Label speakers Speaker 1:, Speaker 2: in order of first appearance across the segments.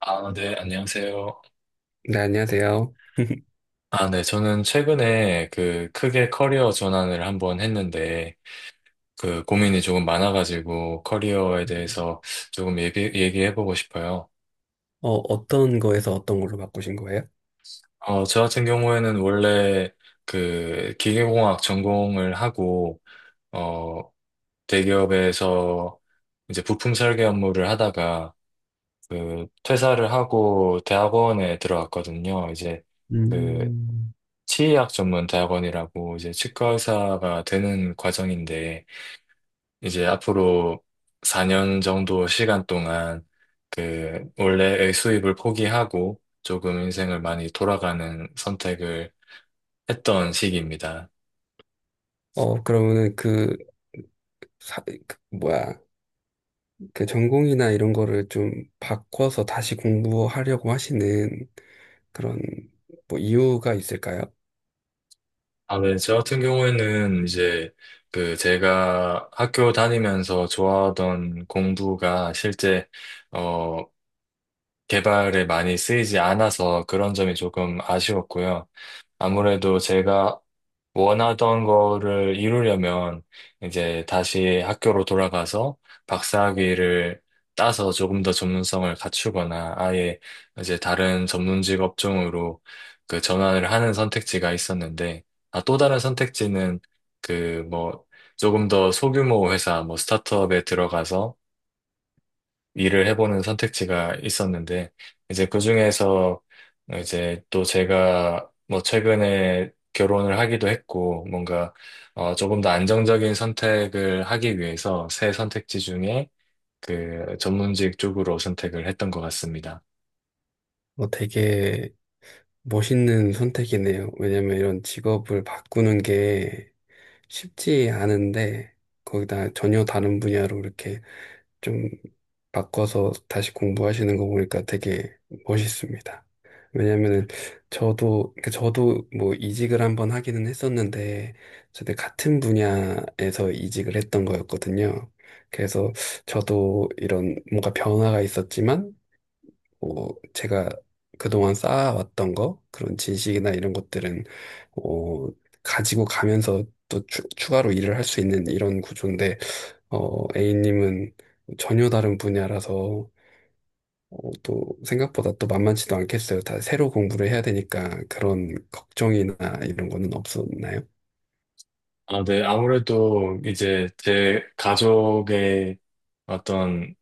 Speaker 1: 아, 네, 안녕하세요.
Speaker 2: 네, 안녕하세요.
Speaker 1: 아, 네, 저는 최근에 그 크게 커리어 전환을 한번 했는데, 그 고민이 조금 많아가지고 커리어에 대해서 조금 얘기해보고 싶어요.
Speaker 2: 어떤 거에서 어떤 걸로 바꾸신 거예요?
Speaker 1: 저 같은 경우에는 원래 그 기계공학 전공을 하고, 어, 대기업에서 이제 부품 설계 업무를 하다가 그 퇴사를 하고 대학원에 들어갔거든요. 이제 그
Speaker 2: 음,
Speaker 1: 치의학 전문 대학원이라고 이제 치과 의사가 되는 과정인데 이제 앞으로 4년 정도 시간 동안 그 원래의 수입을 포기하고 조금 인생을 많이 돌아가는 선택을 했던 시기입니다.
Speaker 2: 그러면은 그, 사, 그 뭐야, 그 전공이나 이런 거를 좀 바꿔서 다시 공부하려고 하시는 그런 뭐 이유가 있을까요?
Speaker 1: 아, 네. 저 같은 경우에는 이제 그 제가 학교 다니면서 좋아하던 공부가 실제 어 개발에 많이 쓰이지 않아서 그런 점이 조금 아쉬웠고요. 아무래도 제가 원하던 거를 이루려면 이제 다시 학교로 돌아가서 박사학위를 따서 조금 더 전문성을 갖추거나 아예 이제 다른 전문직 업종으로 그 전환을 하는 선택지가 있었는데, 아, 또 다른 선택지는 그 뭐 조금 더 소규모 회사 뭐 스타트업에 들어가서 일을 해보는 선택지가 있었는데, 이제 그 중에서 이제 또 제가 뭐 최근에 결혼을 하기도 했고, 뭔가 조금 더 안정적인 선택을 하기 위해서 새 선택지 중에 그 전문직 쪽으로 선택을 했던 것 같습니다.
Speaker 2: 되게 멋있는 선택이네요. 왜냐면 이런 직업을 바꾸는 게 쉽지 않은데 거기다 전혀 다른 분야로 이렇게 좀 바꿔서 다시 공부하시는 거 보니까 되게 멋있습니다. 왜냐면은 저도 그러니까 저도 뭐 이직을 한번 하기는 했었는데 저도 같은 분야에서 이직을 했던 거였거든요. 그래서 저도 이런 뭔가 변화가 있었지만 뭐 제가 그동안 쌓아왔던 거 그런 지식이나 이런 것들은 어, 가지고 가면서 또 추가로 일을 할 수 있는 이런 구조인데, A님은 전혀 다른 분야라서 또 생각보다 또 만만치도 않겠어요. 다 새로 공부를 해야 되니까 그런 걱정이나 이런 거는 없었나요?
Speaker 1: 아, 네. 아무래도 이제 제 가족의 어떤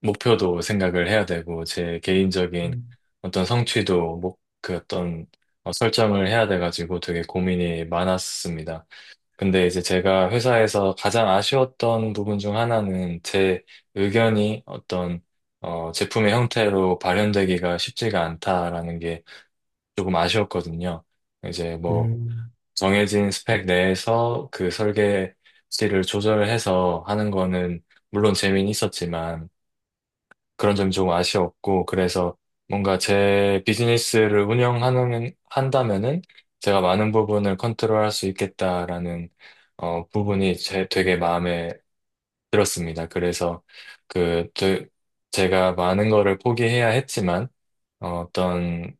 Speaker 1: 목표도 생각을 해야 되고, 제 개인적인 어떤 성취도, 그 어떤 설정을 해야 돼가지고 되게 고민이 많았습니다. 근데 이제 제가 회사에서 가장 아쉬웠던 부분 중 하나는 제 의견이 어떤, 제품의 형태로 발현되기가 쉽지가 않다라는 게 조금 아쉬웠거든요. 이제 뭐,
Speaker 2: 음.
Speaker 1: 정해진 스펙 내에서 그 설계치를 조절해서 하는 거는 물론 재미는 있었지만, 그런 점이 조금 아쉬웠고, 그래서 뭔가 제 비즈니스를 운영하는, 한다면은 제가 많은 부분을 컨트롤할 수 있겠다라는, 부분이 제 되게 마음에 들었습니다. 그래서 그, 제가 많은 거를 포기해야 했지만, 어, 떤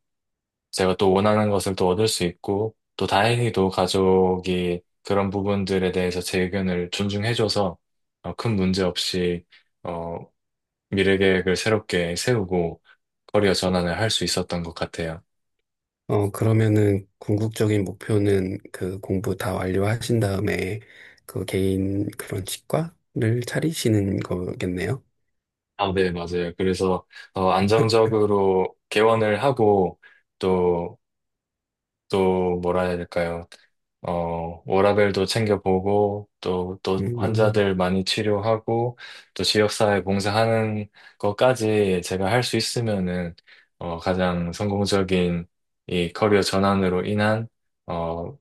Speaker 1: 제가 또 원하는 것을 또 얻을 수 있고, 또 다행히도 가족이 그런 부분들에 대해서 제 의견을 존중해줘서, 큰 문제 없이, 어, 미래 계획을 새롭게 세우고, 커리어 전환을 할 수 있었던 것 같아요.
Speaker 2: 그러면은 궁극적인 목표는 그 공부 다 완료하신 다음에 그 개인 그런 치과를 차리시는 거겠네요.
Speaker 1: 아, 네, 맞아요. 그래서, 안정적으로 개원을 하고, 또, 또, 뭐라 해야 될까요? 워라밸도 챙겨보고, 또,
Speaker 2: 음,
Speaker 1: 환자들 많이 치료하고, 또, 지역사회 봉사하는 것까지 제가 할 수 있으면은, 가장 성공적인 이 커리어 전환으로 인한, 어,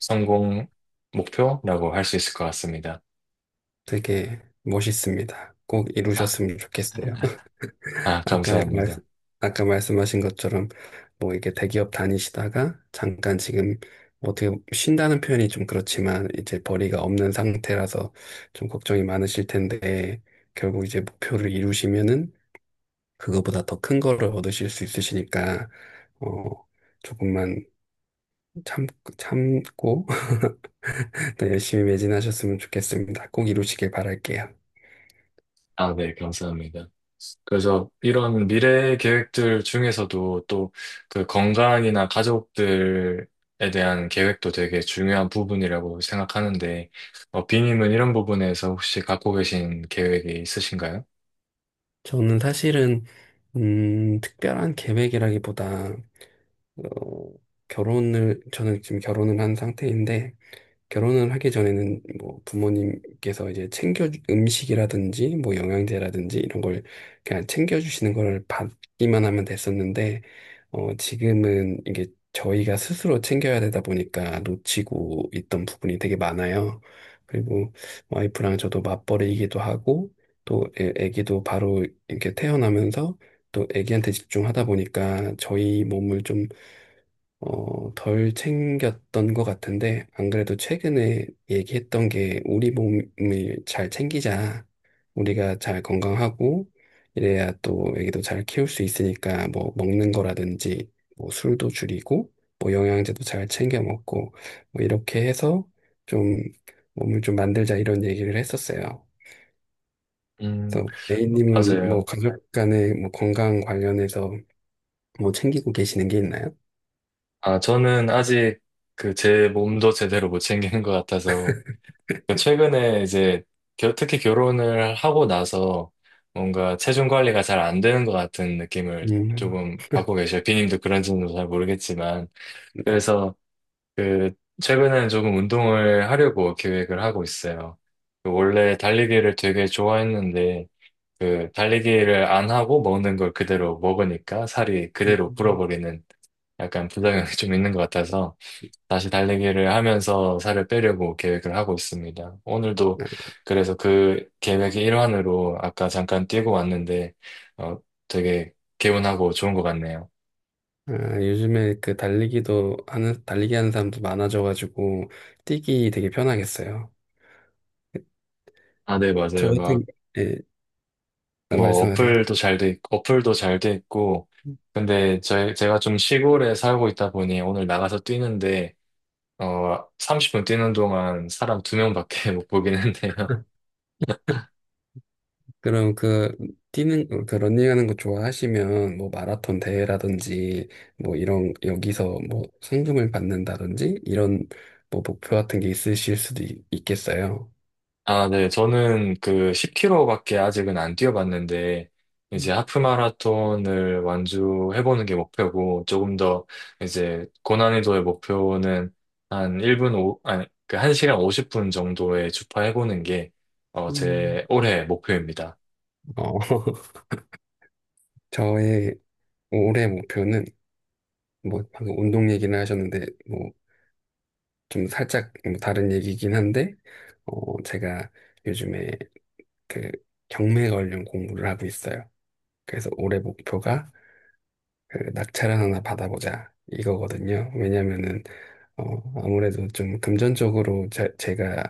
Speaker 1: 성공 목표라고 할 수 있을 것 같습니다.
Speaker 2: 되게 멋있습니다. 꼭 이루셨으면 좋겠어요.
Speaker 1: 아,
Speaker 2: 아까 말,
Speaker 1: 감사합니다.
Speaker 2: 아까 말씀하신 것처럼 뭐 이게 대기업 다니시다가 잠깐 지금 뭐 어떻게 쉰다는 표현이 좀 그렇지만 이제 벌이가 없는 상태라서 좀 걱정이 많으실 텐데 결국 이제 목표를 이루시면은 그거보다 더 큰 거를 얻으실 수 있으시니까 어 조금만 참 참고 더 열심히 매진하셨으면 좋겠습니다. 꼭 이루시길 바랄게요.
Speaker 1: 아, 네, 감사합니다. 그래서 이런 미래 계획들 중에서도 또 그 건강이나 가족들에 대한 계획도 되게 중요한 부분이라고 생각하는데, 비님은 이런 부분에서 혹시 갖고 계신 계획이 있으신가요?
Speaker 2: 저는 사실은 특별한 계획이라기보다 어, 결혼을 저는 지금 결혼을 한 상태인데, 결혼을 하기 전에는 뭐 부모님께서 이제 챙겨 음식이라든지 뭐 영양제라든지 이런 걸 그냥 챙겨주시는 걸 받기만 하면 됐었는데 지금은 이게 저희가 스스로 챙겨야 되다 보니까 놓치고 있던 부분이 되게 많아요. 그리고 와이프랑 저도 맞벌이이기도 하고 또 애기도 바로 이렇게 태어나면서 또 애기한테 집중하다 보니까 저희 몸을 좀 덜 챙겼던 것 같은데, 안 그래도 최근에 얘기했던 게 우리 몸을 잘 챙기자. 우리가 잘 건강하고, 이래야 또 애기도 잘 키울 수 있으니까, 뭐, 먹는 거라든지, 뭐, 술도 줄이고, 뭐, 영양제도 잘 챙겨 먹고, 뭐, 이렇게 해서 좀 몸을 좀 만들자 이런 얘기를 했었어요.
Speaker 1: 음,
Speaker 2: 그래서 A님은 뭐,
Speaker 1: 맞아요.
Speaker 2: 가족 간에 뭐, 건강 관련해서 뭐, 챙기고 계시는 게 있나요?
Speaker 1: 아, 저는 아직 그 제 몸도 제대로 못 챙기는 것 같아서 그러니까 최근에 이제 특히 결혼을 하고 나서 뭔가 체중 관리가 잘 안 되는 것 같은 느낌을
Speaker 2: 음.
Speaker 1: 조금 받고 계셔요. 비님도 그런지는 잘 모르겠지만. 그래서 그 최근에는 조금 운동을 하려고 계획을 하고 있어요. 그 원래 달리기를 되게 좋아했는데 그 달리기를 안 하고 먹는 걸 그대로 먹으니까 살이 그대로
Speaker 2: 음.
Speaker 1: 불어버리는 약간 부작용이 좀 있는 것 같아서 다시 달리기를 하면서 살을 빼려고 계획을 하고 있습니다. 오늘도 그래서 그 계획의 일환으로 아까 잠깐 뛰고 왔는데, 어, 되게 개운하고 좋은 것 같네요.
Speaker 2: 아, 요즘에 달리기 하는 사람도 많아져가지고 뛰기 되게 편하겠어요.
Speaker 1: 아, 네,
Speaker 2: 저
Speaker 1: 맞아요. 막,
Speaker 2: 같은, 예,
Speaker 1: 뭐,
Speaker 2: 말씀하세요.
Speaker 1: 어플도 잘 돼 있고, 근데 제가 좀 시골에 살고 있다 보니 오늘 나가서 뛰는데, 30분 뛰는 동안 사람 두 명밖에 못 보긴 했네요.
Speaker 2: 그럼 그, 뛰는, 그 런닝하는 거 좋아하시면, 뭐 마라톤 대회라든지, 뭐 이런, 여기서 뭐 상금을 받는다든지, 이런 뭐 목표 같은 게 있겠어요.
Speaker 1: 아, 네. 저는 그 10km밖에 아직은 안 뛰어봤는데, 이제
Speaker 2: 음,
Speaker 1: 하프 마라톤을 완주해보는 게 목표고, 조금 더 이제 고난이도의 목표는 한 1분 오, 아니, 그 한 시간 50분 정도에 주파해보는 게, 제
Speaker 2: 음,
Speaker 1: 올해 목표입니다.
Speaker 2: 어, 저의 올해 목표는, 뭐 방금 운동 얘기를 하셨는데, 뭐 좀 살짝 뭐 다른 얘기긴 한데, 제가 요즘에 그 경매 관련 공부를 하고 있어요. 그래서 올해 목표가 그 낙찰을 하나 받아보자 이거거든요. 왜냐면은, 어, 아무래도 좀 금전적으로 제가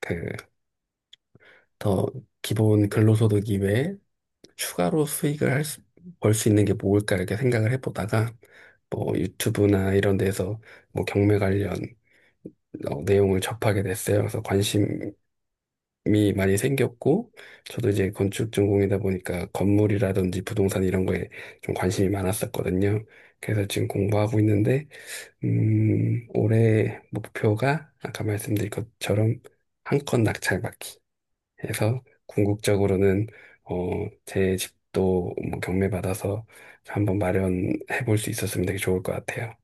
Speaker 2: 그 더 기본 근로소득 이외에 추가로 수익을 할 수, 벌 수 있는 게 뭘까 이렇게 생각을 해보다가 뭐 유튜브나 이런 데서 뭐 경매 관련 내용을 접하게 됐어요. 그래서 관심이 이 많이 생겼고, 저도 이제 건축 전공이다 보니까 건물이라든지 부동산 이런 거에 좀 관심이 많았었거든요. 그래서 지금 공부하고 있는데, 올해 목표가 아까 말씀드린 것처럼 한 건 낙찰받기 해서 궁극적으로는, 어, 제 집도 뭐 경매받아서 한번 마련해 볼 수 있었으면 되게 좋을 것 같아요.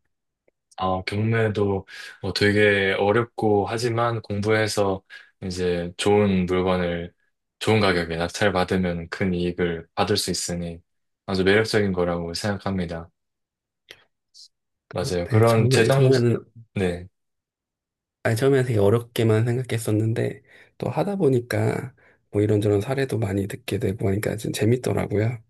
Speaker 1: 아, 경매도 뭐 되게 어렵고 하지만 공부해서 이제 좋은 물건을 좋은 가격에 낙찰받으면 큰 이익을 받을 수 있으니 아주 매력적인 거라고 생각합니다. 맞아요.
Speaker 2: 네,
Speaker 1: 그런
Speaker 2: 처음에,
Speaker 1: 재정, 네.
Speaker 2: 아니, 처음에 되게 어렵게만 생각했었는데, 또 하다 보니까 뭐 이런저런 사례도 많이 듣게 되고 하니까 좀 재밌더라고요.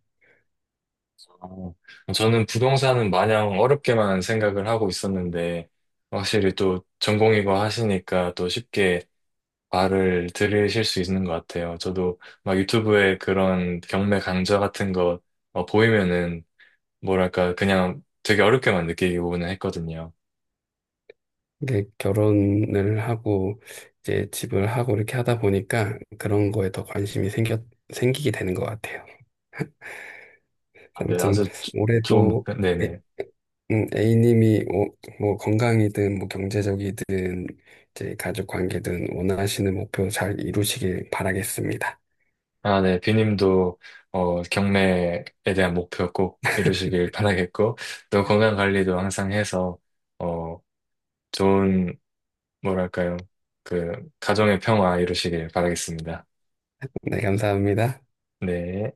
Speaker 1: 어, 저는 부동산은 마냥 어렵게만 생각을 하고 있었는데 확실히 또 전공이고 하시니까 또 쉽게 말을 들으실 수 있는 것 같아요. 저도 막 유튜브에 그런 경매 강좌 같은 거 보이면은 뭐랄까, 그냥 되게 어렵게만 느끼고는 했거든요.
Speaker 2: 이게 결혼을 하고, 이제 집을 하고 이렇게 하다 보니까 그런 거에 더 관심이 생기게 되는 것 같아요.
Speaker 1: 아, 네,
Speaker 2: 아무튼,
Speaker 1: 아주 좋은,
Speaker 2: 올해도 애-
Speaker 1: 네네.
Speaker 2: A님이 뭐, 뭐 건강이든 뭐 경제적이든 이제 가족 관계든 원하시는 목표 잘 이루시길 바라겠습니다.
Speaker 1: 아, 네, 비님도, 경매에 대한 목표 꼭 이루시길 바라겠고, 또 건강 관리도 항상 해서, 어, 좋은, 뭐랄까요, 그, 가정의 평화 이루시길 바라겠습니다.
Speaker 2: 네, 감사합니다.
Speaker 1: 네.